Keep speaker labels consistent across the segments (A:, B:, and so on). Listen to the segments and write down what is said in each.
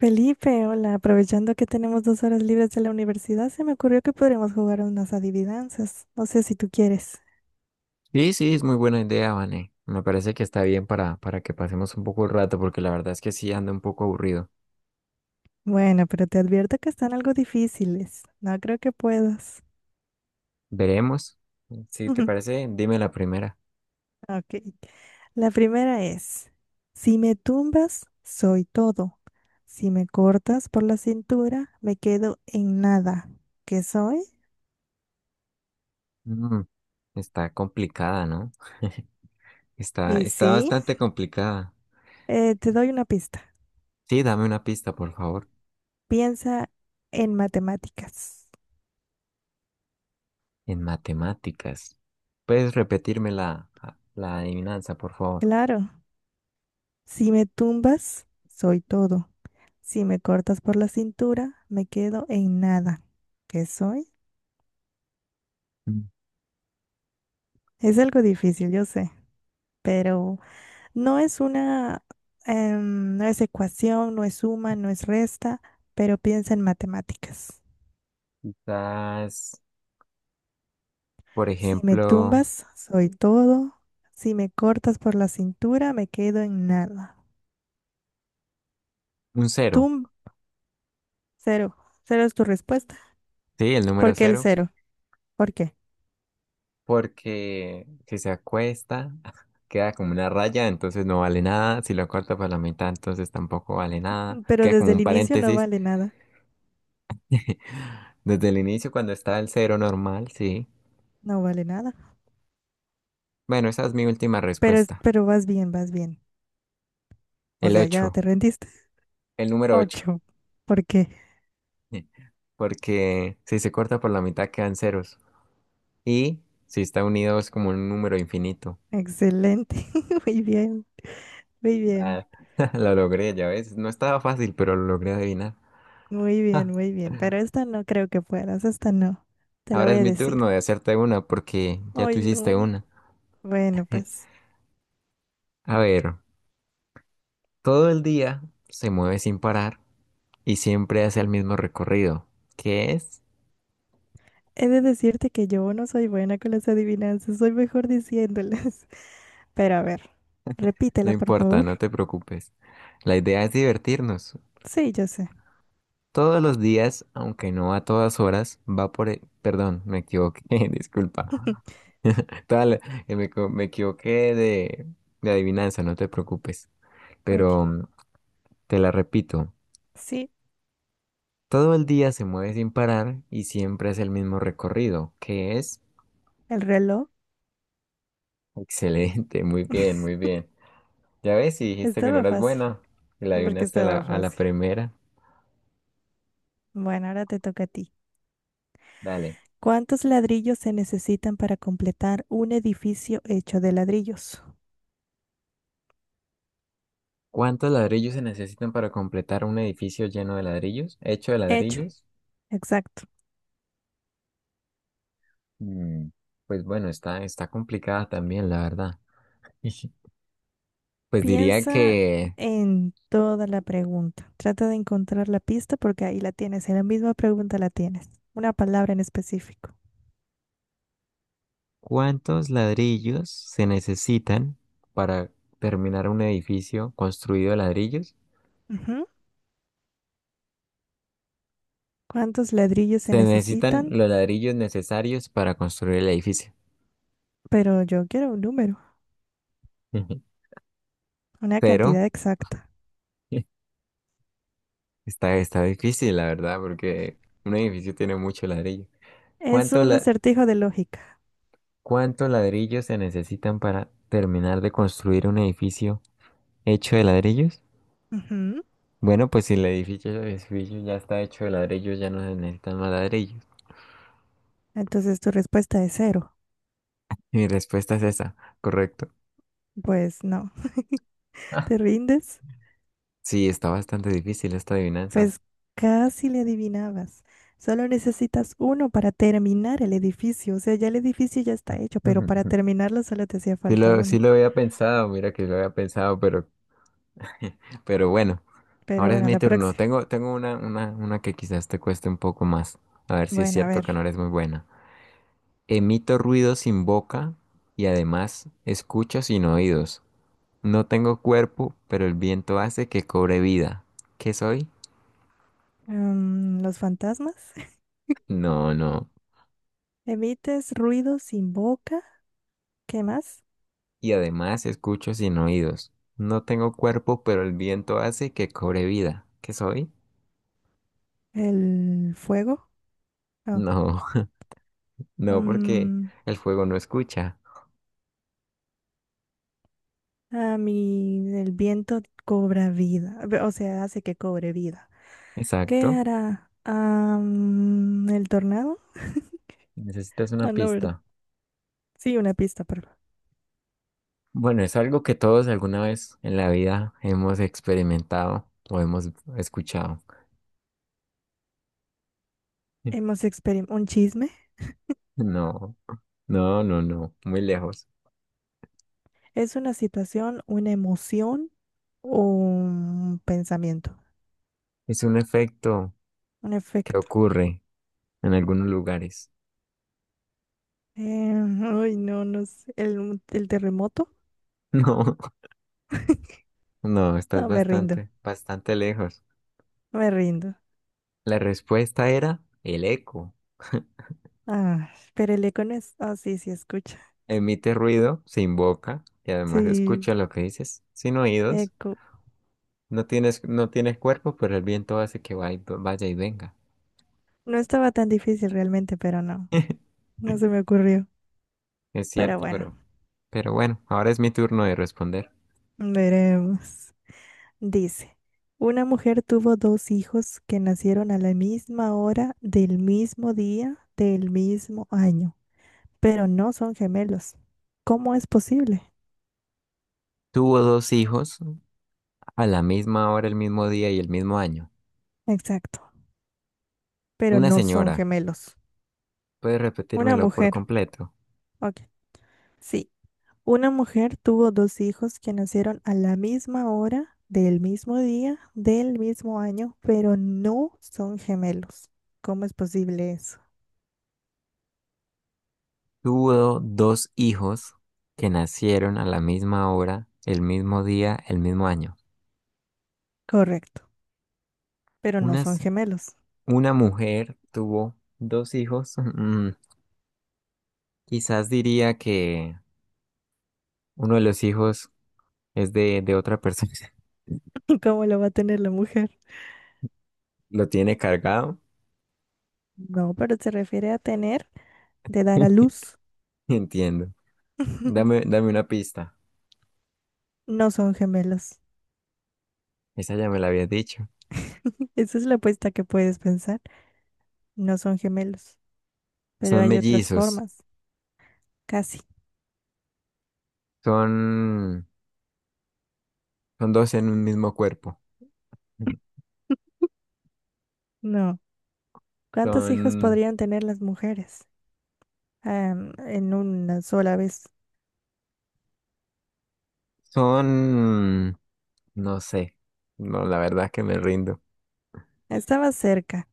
A: Felipe, hola, aprovechando que tenemos dos horas libres de la universidad, se me ocurrió que podríamos jugar a unas adivinanzas. No sé si tú quieres.
B: Sí, es muy buena idea, Vane. Me parece que está bien para que pasemos un poco el rato, porque la verdad es que sí ando un poco aburrido.
A: Bueno, pero te advierto que están algo difíciles. No creo que puedas.
B: Veremos. Si te parece, dime la primera.
A: Ok. La primera es, si me tumbas, soy todo. Si me cortas por la cintura, me quedo en nada. ¿Qué soy?
B: Mm, está complicada, ¿no?
A: Y
B: Está
A: sí,
B: bastante complicada.
A: te doy una pista.
B: Sí, dame una pista, por favor.
A: Piensa en matemáticas.
B: En matemáticas. ¿Puedes repetirme la adivinanza, por favor?
A: Claro. Si me tumbas, soy todo. Si me cortas por la cintura, me quedo en nada. ¿Qué soy?
B: Mm.
A: Es algo difícil, yo sé, pero no es una, no es ecuación, no es suma, no es resta, pero piensa en matemáticas.
B: Quizás, por
A: Si me
B: ejemplo,
A: tumbas, soy todo. Si me cortas por la cintura, me quedo en nada.
B: un cero.
A: Tum, cero. Cero es tu respuesta.
B: Sí, el número
A: ¿Por qué el
B: cero.
A: cero? ¿Por qué?
B: Porque si se acuesta, queda como una raya, entonces no vale nada. Si lo corta por la mitad, entonces tampoco vale nada.
A: Pero
B: Queda como
A: desde el
B: un
A: inicio no
B: paréntesis.
A: vale nada.
B: Desde el inicio, cuando está el cero normal, sí.
A: No vale nada.
B: Bueno, esa es mi última
A: Pero,
B: respuesta.
A: pero vas bien, vas bien. O
B: El
A: sea, ya
B: 8
A: te rendiste.
B: el número ocho.
A: Ocho. ¿Por qué?
B: Porque si se corta por la mitad, quedan ceros. Y si está unido, es como un número infinito.
A: Excelente. Muy bien, muy bien,
B: Ah, lo logré, ya ves. No estaba fácil, pero lo logré adivinar.
A: muy bien, muy bien. Pero esta no creo que puedas, esta no. Te la
B: Ahora
A: voy
B: es
A: a
B: mi
A: decir.
B: turno de hacerte una porque ya tú
A: Ay,
B: hiciste
A: no.
B: una.
A: Bueno, pues
B: A ver, todo el día se mueve sin parar y siempre hace el mismo recorrido. ¿Qué es?
A: he de decirte que yo no soy buena con las adivinanzas, soy mejor diciéndolas. Pero a ver,
B: No
A: repítela, por
B: importa,
A: favor.
B: no te preocupes. La idea es divertirnos.
A: Sí, yo sé.
B: Todos los días, aunque no a todas horas, va por... Perdón, me equivoqué, disculpa. Tal, Me equivoqué de adivinanza, no te preocupes.
A: Ok.
B: Pero te la repito.
A: Sí,
B: Todo el día se mueve sin parar y siempre es el mismo recorrido, que es
A: el reloj.
B: excelente, muy bien, muy bien. Ya ves, si dijiste que no
A: Estaba
B: eras
A: fácil,
B: buena, y la
A: porque
B: adivinaste a
A: estaba
B: a la
A: fácil.
B: primera.
A: Bueno, ahora te toca a ti.
B: Dale.
A: ¿Cuántos ladrillos se necesitan para completar un edificio hecho de ladrillos?
B: ¿Cuántos ladrillos se necesitan para completar un edificio lleno de ladrillos? ¿Hecho de
A: Hecho,
B: ladrillos?
A: exacto.
B: Mm, pues bueno, está complicada también, la verdad. Pues diría
A: Piensa
B: que
A: en toda la pregunta. Trata de encontrar la pista porque ahí la tienes. En la misma pregunta la tienes. Una palabra en específico.
B: ¿cuántos ladrillos se necesitan para terminar un edificio construido de ladrillos?
A: Ujú. ¿Cuántos ladrillos se
B: Se necesitan
A: necesitan?
B: los ladrillos necesarios para construir el edificio.
A: Pero yo quiero un número,
B: Ujú.
A: una
B: Pero
A: cantidad exacta.
B: está difícil, la verdad, porque un edificio tiene mucho ladrillo.
A: Es
B: ¿Cuántos
A: un
B: la-
A: acertijo de lógica.
B: ¿Cuántos ladrillos se necesitan para terminar de construir un edificio hecho de ladrillos?
A: Ujú.
B: Bueno, pues si el edificio, el edificio ya está hecho de ladrillos, ya no se necesitan más ladrillos.
A: Entonces tu respuesta es cero.
B: Mi respuesta es esa, correcto.
A: Pues no.
B: Ah,
A: ¿Te rindes?
B: sí, está bastante difícil esta adivinanza.
A: Pues casi le adivinabas. Solo necesitas uno para terminar el edificio. O sea, ya el edificio ya está hecho, pero para
B: Ujú.
A: terminarlo solo te hacía falta
B: Sí
A: uno.
B: lo había pensado, mira que lo había pensado, pero bueno,
A: Pero
B: ahora es
A: bueno,
B: mi
A: la
B: turno.
A: próxima.
B: Tengo una que quizás te cueste un poco más. A ver si es
A: Bueno, a
B: cierto
A: ver.
B: que no eres muy buena. Emito ruido sin boca y además escucho sin oídos. No tengo cuerpo, pero el viento hace que cobre vida. ¿Qué soy?
A: Los fantasmas.
B: No.
A: Emites ruido sin boca. ¿Qué más?
B: Y además escucho sin oídos. No tengo cuerpo, pero el viento hace que cobre vida. ¿Qué soy?
A: El fuego. Oh,
B: No, no, porque
A: mm,
B: el fuego no escucha.
A: a mí el viento cobra vida. O sea, hace que cobre vida. ¿Qué
B: Exacto.
A: hará? Ah, el tornado.
B: Necesitas una
A: Ah, no, ¿verdad?
B: pista.
A: Sí, una pista, perdón.
B: Bueno, es algo que todos alguna vez en la vida hemos experimentado o hemos escuchado.
A: Hemos experimentado un chisme.
B: No, no, no, no, muy lejos.
A: Es una situación, una emoción o un pensamiento,
B: Es un efecto
A: un
B: que
A: efecto.
B: ocurre en algunos lugares.
A: Eh, ay, no, no sé. El terremoto.
B: No, no, estás
A: No, me rindo,
B: bastante lejos.
A: me rindo.
B: La respuesta era el eco.
A: Ah, pero el eco no es. Ah, sí, sí, escucha.
B: Emite ruido se invoca y además
A: Sí,
B: escucha lo que dices sin oídos.
A: eco.
B: No tienes cuerpo, pero el viento hace que vaya y venga.
A: No estaba tan difícil realmente, pero no. No se me ocurrió.
B: Es
A: Pero
B: cierto,
A: bueno,
B: pero... Pero bueno, ahora es mi turno de responder.
A: veremos. Dice, una mujer tuvo dos hijos que nacieron a la misma hora, del mismo día, del mismo año, pero no son gemelos. ¿Cómo es posible?
B: Tuvo dos hijos a la misma hora, el mismo día y el mismo año.
A: Exacto, pero
B: Una
A: no son
B: señora,
A: gemelos.
B: ¿Puedes
A: Una
B: repetírmelo por
A: mujer,
B: completo?
A: ok. Sí, una mujer tuvo dos hijos que nacieron a la misma hora, del mismo día, del mismo año, pero no son gemelos. ¿Cómo es posible eso?
B: Tuvo dos hijos que nacieron a la misma hora, el mismo día, el mismo año.
A: Correcto, pero no
B: Una,
A: son
B: se-
A: gemelos.
B: una mujer tuvo dos hijos. Mm, quizás diría que uno de los hijos es de otra persona.
A: ¿Cómo lo va a tener la mujer?
B: Lo tiene cargado.
A: No, pero se refiere a tener de dar a luz.
B: Entiendo. Dame una pista.
A: No son gemelos.
B: Esa ya me la habías dicho.
A: Esa es la apuesta que puedes pensar. No son gemelos, pero
B: Son
A: hay otras
B: mellizos,
A: formas. Casi.
B: son, son dos en un mismo cuerpo.
A: No. ¿Cuántos hijos
B: Son,
A: podrían tener las mujeres? Am, en una sola vez.
B: son, no sé. No, la verdad que me rindo.
A: Estaba cerca.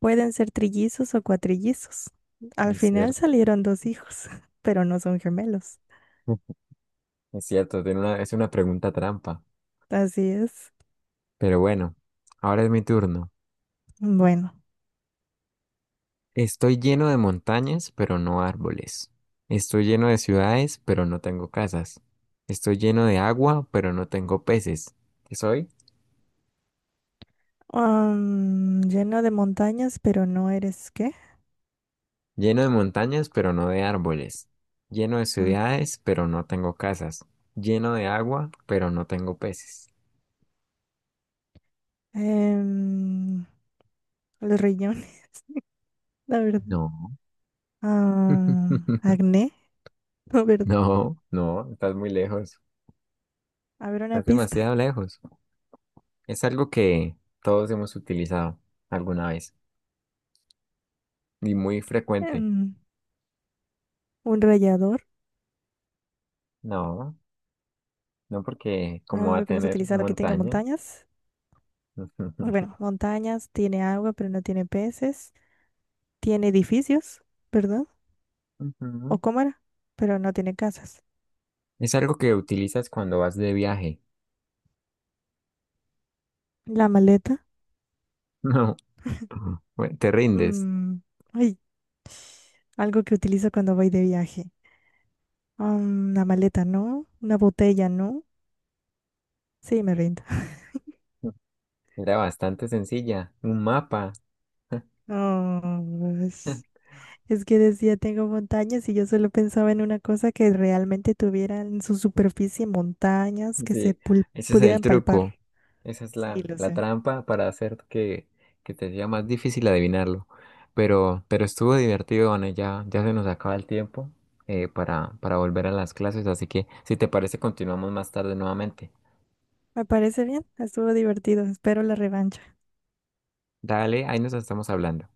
A: Pueden ser trillizos o cuatrillizos. Al
B: Es
A: final
B: cierto,
A: salieron dos hijos, pero no son gemelos.
B: es cierto, es una pregunta trampa.
A: Así es.
B: Pero bueno, ahora es mi turno.
A: Bueno.
B: Estoy lleno de montañas, pero no árboles. Estoy lleno de ciudades, pero no tengo casas. Estoy lleno de agua, pero no tengo peces. ¿Qué soy?
A: Am, lleno de montañas, pero no eres ¿qué?
B: Lleno de montañas, pero no de árboles. Lleno de
A: Ah,
B: ciudades, pero no tengo casas. Lleno de agua, pero no tengo peces.
A: Em, los riñones, la verdad.
B: No,
A: Ah, acné, no, verdad.
B: no, no, estás muy lejos.
A: A ver, una
B: Estás
A: pista.
B: demasiado lejos. Es algo que todos hemos utilizado alguna vez y muy frecuente.
A: Em, un rallador,
B: No, no porque como va a
A: algo que hemos
B: tener
A: utilizado que tenga
B: montaña.
A: montañas. O bueno, montañas, tiene agua, pero no tiene peces. Tiene edificios, ¿verdad? O
B: Ujú.
A: cámara, pero no tiene casas.
B: Es algo que utilizas cuando vas de viaje.
A: La maleta.
B: No, bueno, te rindes.
A: mm, ay, algo que utilizo cuando voy de viaje. Ah, una maleta, ¿no? Una botella, ¿no? Sí, me rindo.
B: Era bastante sencilla. Un mapa.
A: Ah, es que decía tengo montañas y yo solo pensaba en una cosa que realmente tuviera en su superficie montañas que se
B: Sí, ese es el
A: pudieran palpar.
B: truco. Esa es
A: Sí, lo
B: la
A: sé.
B: trampa para hacer que te sea más difícil adivinarlo. Pero estuvo divertido, Ana. Ya se nos acaba el tiempo para volver a las clases. Así que, si te parece, continuamos más tarde nuevamente.
A: Me parece bien, estuvo divertido, espero la revancha.
B: Dale, ahí nos estamos hablando.